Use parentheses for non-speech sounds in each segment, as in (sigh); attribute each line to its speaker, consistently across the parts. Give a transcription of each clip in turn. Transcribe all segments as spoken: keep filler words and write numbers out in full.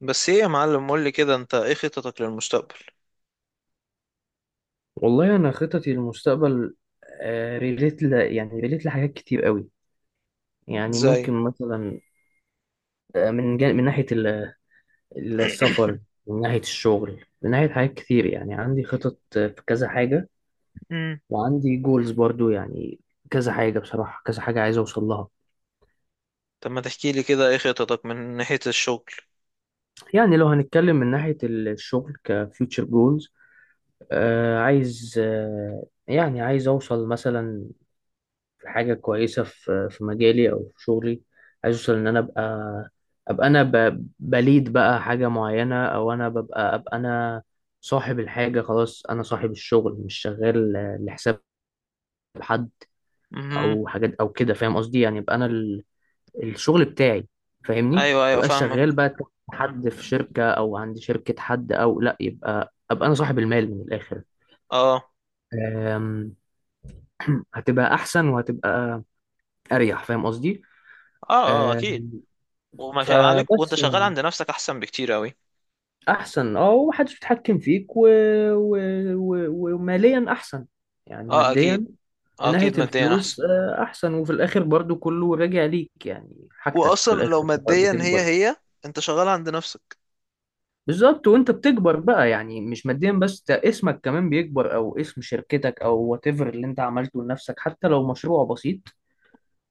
Speaker 1: بس ايه يا معلم، قول لي كده، انت ايه خططك للمستقبل؟
Speaker 2: والله انا خططي للمستقبل آه، ريليت ل... يعني ريليت لحاجات كتير قوي. يعني
Speaker 1: ازاي؟
Speaker 2: ممكن مثلا آه، من جان... من ناحيه ال- السفر،
Speaker 1: (coughs)
Speaker 2: من ناحيه الشغل، من ناحيه حاجات كتير. يعني عندي خطط آه، في كذا حاجه،
Speaker 1: (clears throat) مم.
Speaker 2: وعندي جولز برضو يعني كذا حاجه بصراحه، كذا حاجه عايز اوصل لها.
Speaker 1: طب ما تحكي لي كده ايه خططك من ناحية الشغل؟
Speaker 2: يعني لو هنتكلم من ناحيه الشغل كفيوتشر جولز آه عايز آه، يعني عايز اوصل مثلا في حاجة كويسة في في مجالي أو في شغلي. عايز أوصل إن أنا أبقى، أبقى أنا ب- بليد بقى حاجة معينة، أو أنا ببقى أبقى أنا صاحب الحاجة. خلاص أنا صاحب الشغل، مش شغال لحساب حد
Speaker 1: امم.
Speaker 2: أو حاجات أو كده، فاهم قصدي؟ يعني يبقى أنا ال- الشغل بتاعي، فاهمني،
Speaker 1: ايوه ايوه،
Speaker 2: مبقاش
Speaker 1: فاهمك.
Speaker 2: شغال بقى تحت حد في شركة أو عند شركة حد، أو لأ يبقى أبقى أنا صاحب المال من الآخر.
Speaker 1: اه.
Speaker 2: أم، هتبقى أحسن وهتبقى أريح، فاهم قصدي؟
Speaker 1: اه. اه اكيد.
Speaker 2: آمم،
Speaker 1: وما شاء عليك، وانت
Speaker 2: فبس
Speaker 1: شغال
Speaker 2: يعني
Speaker 1: عند نفسك احسن بكتير قوي.
Speaker 2: احسن اه، ومحدش بيتحكم فيك و... و... و... وماليا احسن، يعني
Speaker 1: اه اكيد.
Speaker 2: ماديا، من
Speaker 1: آه
Speaker 2: ناحية
Speaker 1: اكيد، ماديا احسن.
Speaker 2: الفلوس آه، احسن، وفي الاخر برضو كله راجع ليك، يعني حاجتك في
Speaker 1: واصلا لو
Speaker 2: الاخر
Speaker 1: ماديا هي
Speaker 2: بتكبر.
Speaker 1: هي انت شغال عند نفسك.
Speaker 2: بالظبط، وانت بتكبر بقى، يعني مش ماديا بس، ده اسمك كمان بيكبر، او اسم شركتك او وات ايفر اللي انت عملته لنفسك، حتى لو مشروع بسيط،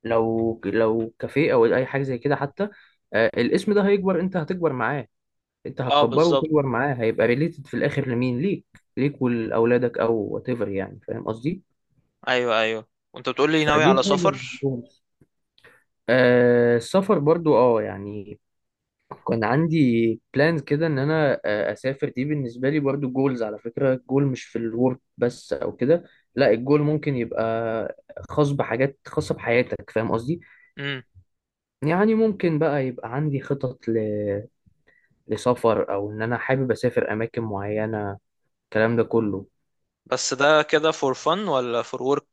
Speaker 2: لو لو كافيه او اي حاجة زي كده حتى، آه، الاسم ده هيكبر، انت هتكبر معاه. انت
Speaker 1: اه
Speaker 2: هتكبره
Speaker 1: بالظبط.
Speaker 2: وتكبر معاه، هيبقى ريليتد في الاخر لمين؟ ليك. ليك ولاولادك او وات ايفر، يعني فاهم قصدي؟
Speaker 1: ايوه ايوه. وانت بتقول لي ناوي
Speaker 2: فدي
Speaker 1: على
Speaker 2: حاجه ما
Speaker 1: سفر؟
Speaker 2: بحبهمش. آه السفر برضو اه يعني، كان عندي بلانز كده ان انا آه اسافر. دي بالنسبه لي برضو جولز. على فكره الجول مش في الورك بس او كده، لا الجول ممكن يبقى خاص بحاجات خاصه بحياتك، فاهم قصدي؟
Speaker 1: امم.
Speaker 2: يعني ممكن بقى يبقى عندي خطط ل... لسفر، او ان انا حابب اسافر اماكن معينه، الكلام ده كله.
Speaker 1: بس ده كده فور فن ولا فور ورك؟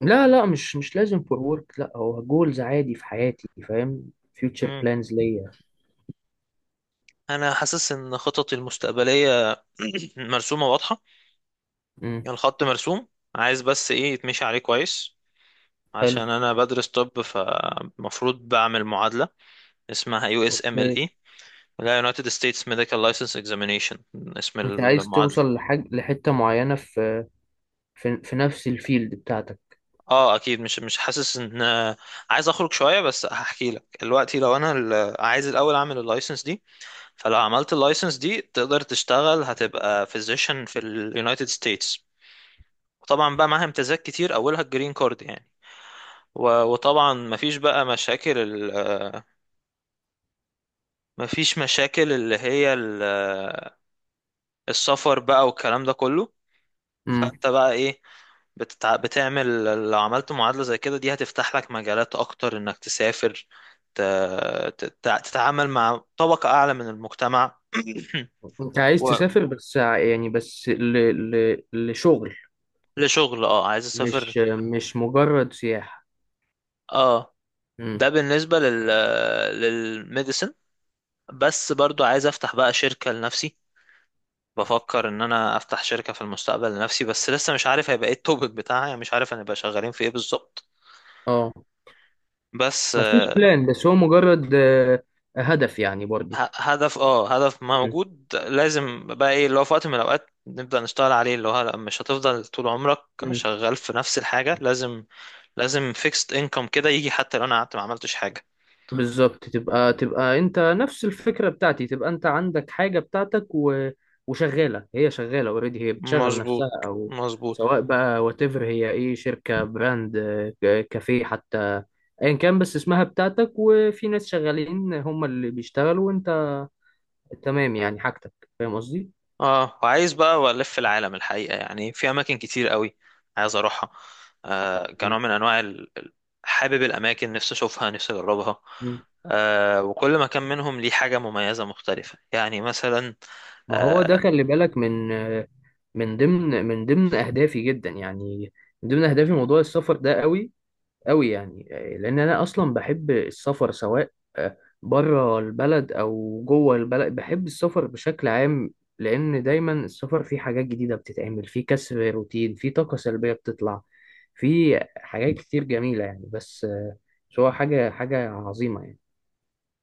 Speaker 2: لا لا، مش مش لازم فور ورك، لا هو جولز عادي في حياتي، فاهم؟ فيوتشر بلانز ليا.
Speaker 1: انا حاسس ان خططي المستقبليه (clears throat) مرسومه واضحه.
Speaker 2: امم.
Speaker 1: يعني الخط مرسوم، عايز بس ايه يتمشي عليه كويس.
Speaker 2: حلو.
Speaker 1: عشان انا بدرس طب، فمفروض بعمل معادله اسمها يو اس ام ال
Speaker 2: اوكي.
Speaker 1: اي، اللي هي United States Medical License Examination، اسم
Speaker 2: انت عايز
Speaker 1: المعادله.
Speaker 2: توصل لحاجة، لحتة معينة في في, في نفس الفيلد بتاعتك.
Speaker 1: اه اكيد. مش مش حاسس ان عايز اخرج شويه، بس هحكي لك دلوقتي. لو انا ال- عايز الاول اعمل اللايسنس دي، فلو عملت اللايسنس دي تقدر تشتغل، هتبقى فيزيشن في اليونايتد ستيتس. وطبعا بقى معاها امتيازات كتير، اولها الجرين كارد يعني. و- وطبعا مفيش بقى مشاكل ال- آه، مفيش مشاكل اللي هي ال- آه، السفر بقى والكلام ده كله.
Speaker 2: امم.
Speaker 1: فانت بقى ايه، بتتع... بتعمل لو عملت معادلة زي كده، دي هتفتح لك مجالات اكتر انك تسافر، ت... تت- تتعامل مع طبقة اعلى من المجتمع. (clears throat)
Speaker 2: انت عايز تسافر بس ع- يعني بس ل... ل... لشغل،
Speaker 1: ولشغل، اه عايز اسافر.
Speaker 2: مش مش مجرد سياحة.
Speaker 1: اه.
Speaker 2: امم.
Speaker 1: ده بالنسبة لل، للميديسن. بس برضو عايز افتح بقى شركة لنفسي. بفكر ان انا افتح شركة في المستقبل لنفسي، بس لسه مش عارف هيبقى ايه التوبيك بتاعها، يعني مش عارف هنبقى شغالين في ايه بالظبط.
Speaker 2: اه.
Speaker 1: بس
Speaker 2: مفيش
Speaker 1: آه،
Speaker 2: بلان، بس هو مجرد آه، هدف يعني برضو.
Speaker 1: ه- هدف اه، هدف موجود. لازم بقى ايه اللي هو في وقت من الاوقات نبدأ نشتغل عليه، اللي هو لأ، مش هتفضل طول عمرك
Speaker 2: امم.
Speaker 1: شغال في نفس الحاجة. لازم، لازم فيكست انكم كده يجي، حتى لو انا قعدت ما عملتش حاجة.
Speaker 2: بالظبط. تبقى تبقى انت نفس الفكرة بتاعتي، تبقى انت عندك حاجة بتاعتك و... وشغالة، هي شغالة اوريدي، هي بتشغل
Speaker 1: مظبوط،
Speaker 2: نفسها، او
Speaker 1: مظبوط.
Speaker 2: سواء بقى واتيفر هي ايه، شركة، براند، آه، ك- كافيه حتى، ايا كان، بس اسمها بتاعتك وفي ناس شغالين هم اللي بيشتغلوا وانت تمام يعني، حاجتك. فاهم قصدي؟
Speaker 1: اه وعايز بقى الف العالم الحقيقه، يعني في اماكن كتير قوي عايز اروحها. آه كنوع
Speaker 2: مم.
Speaker 1: من انواع ال- ال- حابب الاماكن، نفسي اشوفها، نفسي اجربها.
Speaker 2: مم.
Speaker 1: آه، وكل مكان منهم ليه حاجه مميزه مختلفه، يعني مثلا
Speaker 2: ما هو ده،
Speaker 1: آه.
Speaker 2: خلي بالك من آه، من ضمن من ضمن اهدافي جدا يعني، من ضمن اهدافي موضوع السفر ده، قوي قوي يعني، آه، لان انا اصلا بحب السفر، سواء آه، بره البلد او جوه البلد، بحب السفر بشكل عام. لان دايما السفر فيه حاجات جديده بتتعمل، فيه كسر روتين، فيه طاقه سلبيه بتطلع، فيه حاجات كتير جميله يعني، بس آه، بس هو حاجه، حاجه عظيمه يعني.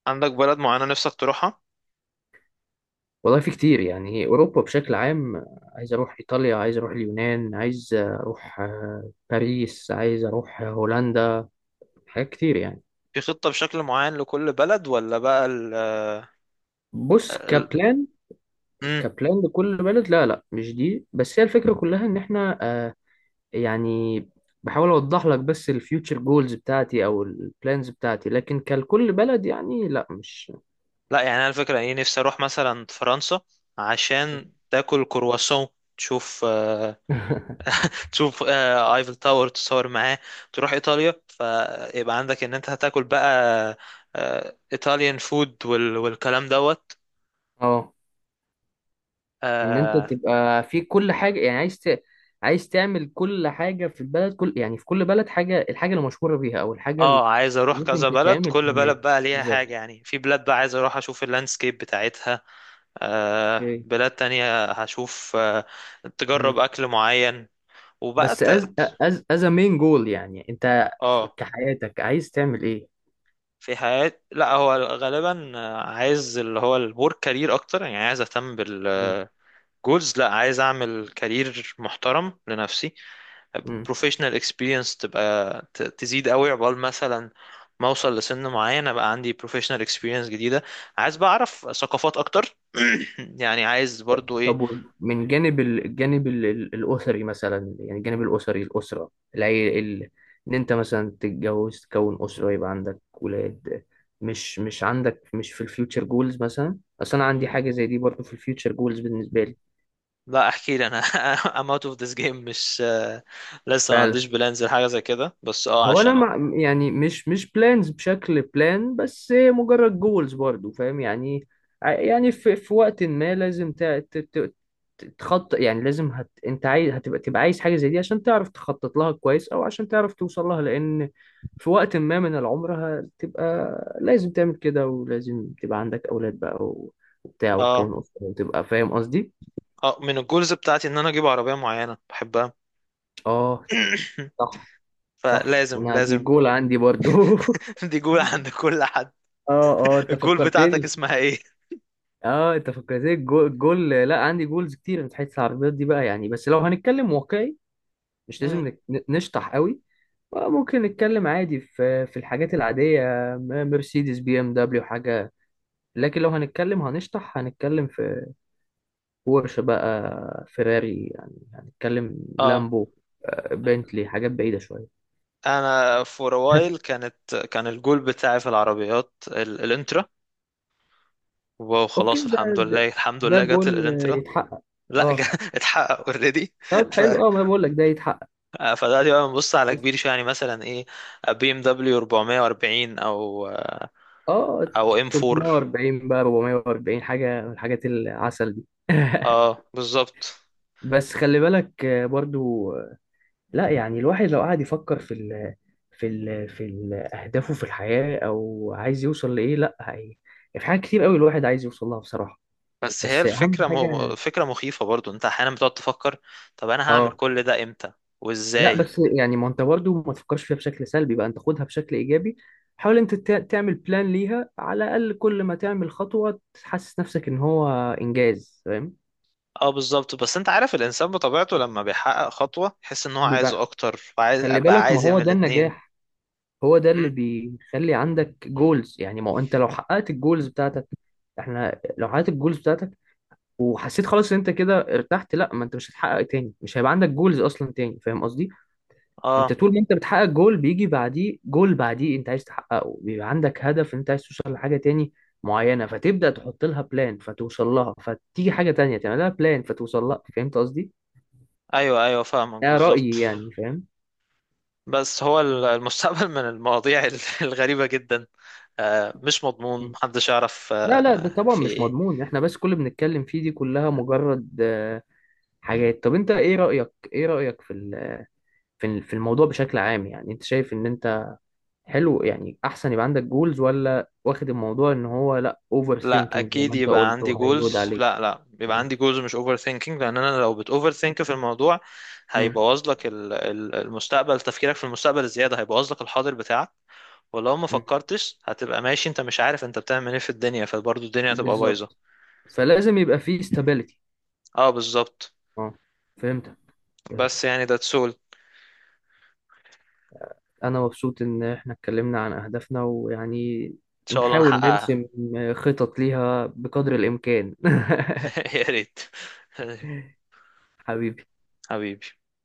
Speaker 1: عندك بلد معينه نفسك تروحها؟
Speaker 2: والله في كتير يعني، اوروبا بشكل عام آه، عايز اروح ايطاليا، عايز اروح اليونان، عايز اروح آه، باريس، عايز اروح هولندا، حاجات كتير يعني.
Speaker 1: في خطه بشكل معين لكل بلد ولا بقى ال
Speaker 2: بص
Speaker 1: ال-
Speaker 2: كبلان،
Speaker 1: مم.
Speaker 2: كبلان لكل بلد لا لا، مش دي بس، هي الفكرة كلها ان احنا آه يعني بحاول اوضح لك، بس الفيوتشر جولز بتاعتي او البلانز بتاعتي، لكن كلكل بلد يعني لا مش
Speaker 1: لا يعني انا الفكره ايه، نفسي اروح مثلا فرنسا عشان تاكل كرواسون، تشوف آه،
Speaker 2: (laughs)
Speaker 1: تشوف آه، ايفل تاور، تصور معاه. تروح ايطاليا، فيبقى عندك ان انت هتاكل بقى ايطاليان فود وال... والكلام دوت.
Speaker 2: اه. ان انت
Speaker 1: اه.
Speaker 2: تبقى في كل حاجة يعني، عايز ت... عايز تعمل كل حاجة في البلد، كل يعني في كل بلد حاجة، الحاجة اللي مشهورة بيها او الحاجة اللي
Speaker 1: آه، عايز اروح
Speaker 2: ممكن
Speaker 1: كذا بلد،
Speaker 2: تتعمل
Speaker 1: كل بلد
Speaker 2: هناك.
Speaker 1: بقى ليها حاجة.
Speaker 2: بالظبط.
Speaker 1: يعني في بلاد بقى عايز اروح اشوف اللاندسكيب بتاعتها، آه
Speaker 2: اوكي.
Speaker 1: بلاد تانية هشوف آه،
Speaker 2: مم.
Speaker 1: تجرب اكل معين وبقى
Speaker 2: بس از
Speaker 1: ت...
Speaker 2: از از مين جول يعني، انت في-
Speaker 1: اه.
Speaker 2: كحياتك عايز تعمل ايه؟
Speaker 1: في حياة، لا هو غالبا آه، عايز اللي هو الورك كارير اكتر. يعني عايز اهتم بال جولز، لا عايز اعمل كارير محترم لنفسي.
Speaker 2: مم.
Speaker 1: بروفيشنال اكسبيرينس تبقى ت- تزيد قوي، عقبال مثلا ما اوصل لسن معين ابقى عندي بروفيشنال اكسبيرينس جديده. عايز بقى اعرف ثقافات اكتر. (clears throat) يعني عايز برضو ايه.
Speaker 2: طب و- من جانب ال- الجانب ال- ال- الأسري مثلا، يعني الجانب الأسري، الأسرة، العي... ال... إن أنت مثلا تتجوز، تكون أسرة، يبقى عندك ولاد، مش مش عندك مش في الفيوتشر جولز مثلا؟ أصل أنا عندي
Speaker 1: مم،
Speaker 2: حاجة زي دي برضه في الفيوتشر جولز بالنسبة لي.
Speaker 1: لا احكي لي انا. (laughs) I'm out of this game. مش آه، لسه ما
Speaker 2: فعلا.
Speaker 1: عنديش بلانز لحاجه زي كده، بس اه
Speaker 2: هو أنا
Speaker 1: عشان.
Speaker 2: مع... يعني مش مش بلانز بشكل بلان، بس هي مجرد جولز برضه، فاهم يعني؟ ع- يعني في, في وقت ما لازم ت... ت... ت... تخطط يعني، لازم هت... انت عايز هتبقى، تبقى عايز حاجة زي دي عشان تعرف تخطط لها كويس، او عشان تعرف توصل لها، لان في وقت ما من العمر هتبقى لازم تعمل كده، ولازم تبقى عندك اولاد بقى و- وبتاع،
Speaker 1: اه.
Speaker 2: وتكون اسرة، وتبقى فاهم قصدي.
Speaker 1: اه من الجولز بتاعتي ان انا اجيب عربيه معينه بحبها.
Speaker 2: اه.
Speaker 1: (clears throat)
Speaker 2: صح. صح،
Speaker 1: فلازم،
Speaker 2: انا دي
Speaker 1: لازم.
Speaker 2: جول عندي برضو (laughs)
Speaker 1: (laughs) دي جول عند كل حد.
Speaker 2: اه اه، انت
Speaker 1: الجول بتاعتك
Speaker 2: فكرتني.
Speaker 1: اسمها ايه؟
Speaker 2: اه انت فكرتني الجو- الجول، لا عندي جولز كتير في حته العربيات دي بقى يعني، بس لو هنتكلم واقعي، مش
Speaker 1: مم.
Speaker 2: لازم نك- ن- نشطح قوي. ممكن نتكلم عادي في في الحاجات العادية، م- مرسيدس، بي ام دبليو حاجة. لكن لو هنتكلم هنشطح، هنتكلم في بورش بقى، فيراري، يعني هنتكلم
Speaker 1: اه
Speaker 2: لامبو، آه، بنتلي، حاجات بعيدة شوية.
Speaker 1: انا فور وايل، كانت كان الجول بتاعي في العربيات ال- الانترا. واو،
Speaker 2: اوكي
Speaker 1: خلاص
Speaker 2: ده
Speaker 1: الحمد لله،
Speaker 2: ده,
Speaker 1: الحمد
Speaker 2: ده
Speaker 1: لله، جت ال-
Speaker 2: جول آه،
Speaker 1: الانترا.
Speaker 2: يتحقق.
Speaker 1: لا جا،
Speaker 2: اه.
Speaker 1: (laughs) اتحقق اوريدي.
Speaker 2: طب
Speaker 1: ف
Speaker 2: حلو اه، ما أنا بقول لك ده يتحقق.
Speaker 1: آه، فدلوقتي بقى بنبص على
Speaker 2: بس
Speaker 1: كبير شويه، يعني مثلا ايه، بي ام دبليو أربعميه وأربعين او آه،
Speaker 2: اه
Speaker 1: او ام فور.
Speaker 2: ثلاث مية واربعين بقى اربع مية واربعين، حاجة من الحاجات العسل دي (laughs)
Speaker 1: اه بالظبط.
Speaker 2: بس خلي بالك آه، برضو، لا يعني الواحد لو قعد يفكر في ال في ال في ال أهدافه في الحياة، أو عايز يوصل لإيه، لا هي في حاجات كتير قوي الواحد عايز يوصل لها بصراحة.
Speaker 1: بس هي
Speaker 2: بس أهم
Speaker 1: الفكره مه...
Speaker 2: حاجة
Speaker 1: فكره مخيفه برضو، انت احيانا بتقعد تفكر طب انا هعمل
Speaker 2: آه،
Speaker 1: كل ده امتى
Speaker 2: لا
Speaker 1: وازاي.
Speaker 2: بس يعني ما أنت برضه ما تفكرش فيها بشكل سلبي بقى، أنت خدها بشكل إيجابي، حاول أنت تع- تعمل بلان ليها، على الأقل كل ما تعمل خطوة تحسس نفسك إن هو إنجاز، فاهم؟
Speaker 1: اه بالظبط. بس انت عارف الانسان بطبيعته لما بيحقق خطوة يحس ان هو
Speaker 2: دي
Speaker 1: عايز
Speaker 2: بقى،
Speaker 1: اكتر، وعايز
Speaker 2: خلي
Speaker 1: بقى،
Speaker 2: بالك، ما
Speaker 1: عايز
Speaker 2: هو
Speaker 1: يعمل
Speaker 2: ده
Speaker 1: الاتنين.
Speaker 2: النجاح، هو ده اللي
Speaker 1: مم.
Speaker 2: بيخلي عندك جولز يعني. ما هو انت لو حققت الجولز بتاعتك، احنا لو حققت الجولز بتاعتك وحسيت خلاص ان انت كده ارتحت، لا ما انت مش هتحقق تاني، مش هيبقى عندك جولز اصلا تاني، فاهم قصدي؟
Speaker 1: اه.
Speaker 2: انت طول ما انت بتحقق جول بيجي بعديه جول بعديه انت عايز تحققه، بيبقى عندك هدف انت عايز توصل لحاجة تاني معينة، فتبدأ تحط لها بلان فتوصل لها، فتيجي حاجة تانية تعمل لها بلان فتوصل لها، فهمت قصدي؟
Speaker 1: ايوه ايوه، فاهمك
Speaker 2: ده
Speaker 1: بالظبط.
Speaker 2: رأيي يعني، فاهم؟
Speaker 1: بس هو ال- (laughs) المستقبل من المواضيع ال- (laughs) الغريبة جدا. آه، مش مضمون، محدش يعرف
Speaker 2: لا لا ده
Speaker 1: آه
Speaker 2: طبعا
Speaker 1: في
Speaker 2: مش
Speaker 1: ايه.
Speaker 2: مضمون، احنا بس كل اللي بنتكلم فيه دي كلها مجرد حاجات. طب انت ايه رأيك، ايه رأيك في ال- في ال- في الموضوع بشكل عام يعني، انت شايف ان انت حلو يعني احسن يبقى عندك جولز، ولا واخد الموضوع ان هو لا اوفر
Speaker 1: لا
Speaker 2: ثينكينج زي ما
Speaker 1: اكيد
Speaker 2: انت
Speaker 1: يبقى
Speaker 2: قلت
Speaker 1: عندي
Speaker 2: وهيلود
Speaker 1: جولز،
Speaker 2: عليك.
Speaker 1: لا لا، يبقى
Speaker 2: مم.
Speaker 1: عندي جولز مش اوفر ثينكينج. لان انا لو بت اوفر ثينك في الموضوع
Speaker 2: مم.
Speaker 1: هيبوظ لك ال- ال- المستقبل. تفكيرك في المستقبل الزيادة هيبوظ لك الحاضر بتاعك. ولو ما
Speaker 2: مم.
Speaker 1: فكرتش هتبقى ماشي انت مش عارف انت بتعمل ايه في الدنيا، فبرضه الدنيا هتبقى بايظه.
Speaker 2: بالظبط. فلازم يبقى فيه استابيليتي.
Speaker 1: اه بالظبط.
Speaker 2: اه. فهمتك.
Speaker 1: بس
Speaker 2: فهمتك.
Speaker 1: يعني ده تسول ان
Speaker 2: انا مبسوط ان احنا اتكلمنا عن اهدافنا ويعني
Speaker 1: شاء الله
Speaker 2: نحاول
Speaker 1: نحققها.
Speaker 2: نرسم خطط ليها بقدر الامكان (laughs)
Speaker 1: (laughs) يا ريت.
Speaker 2: حبيبي.
Speaker 1: (laughs) حبيبي.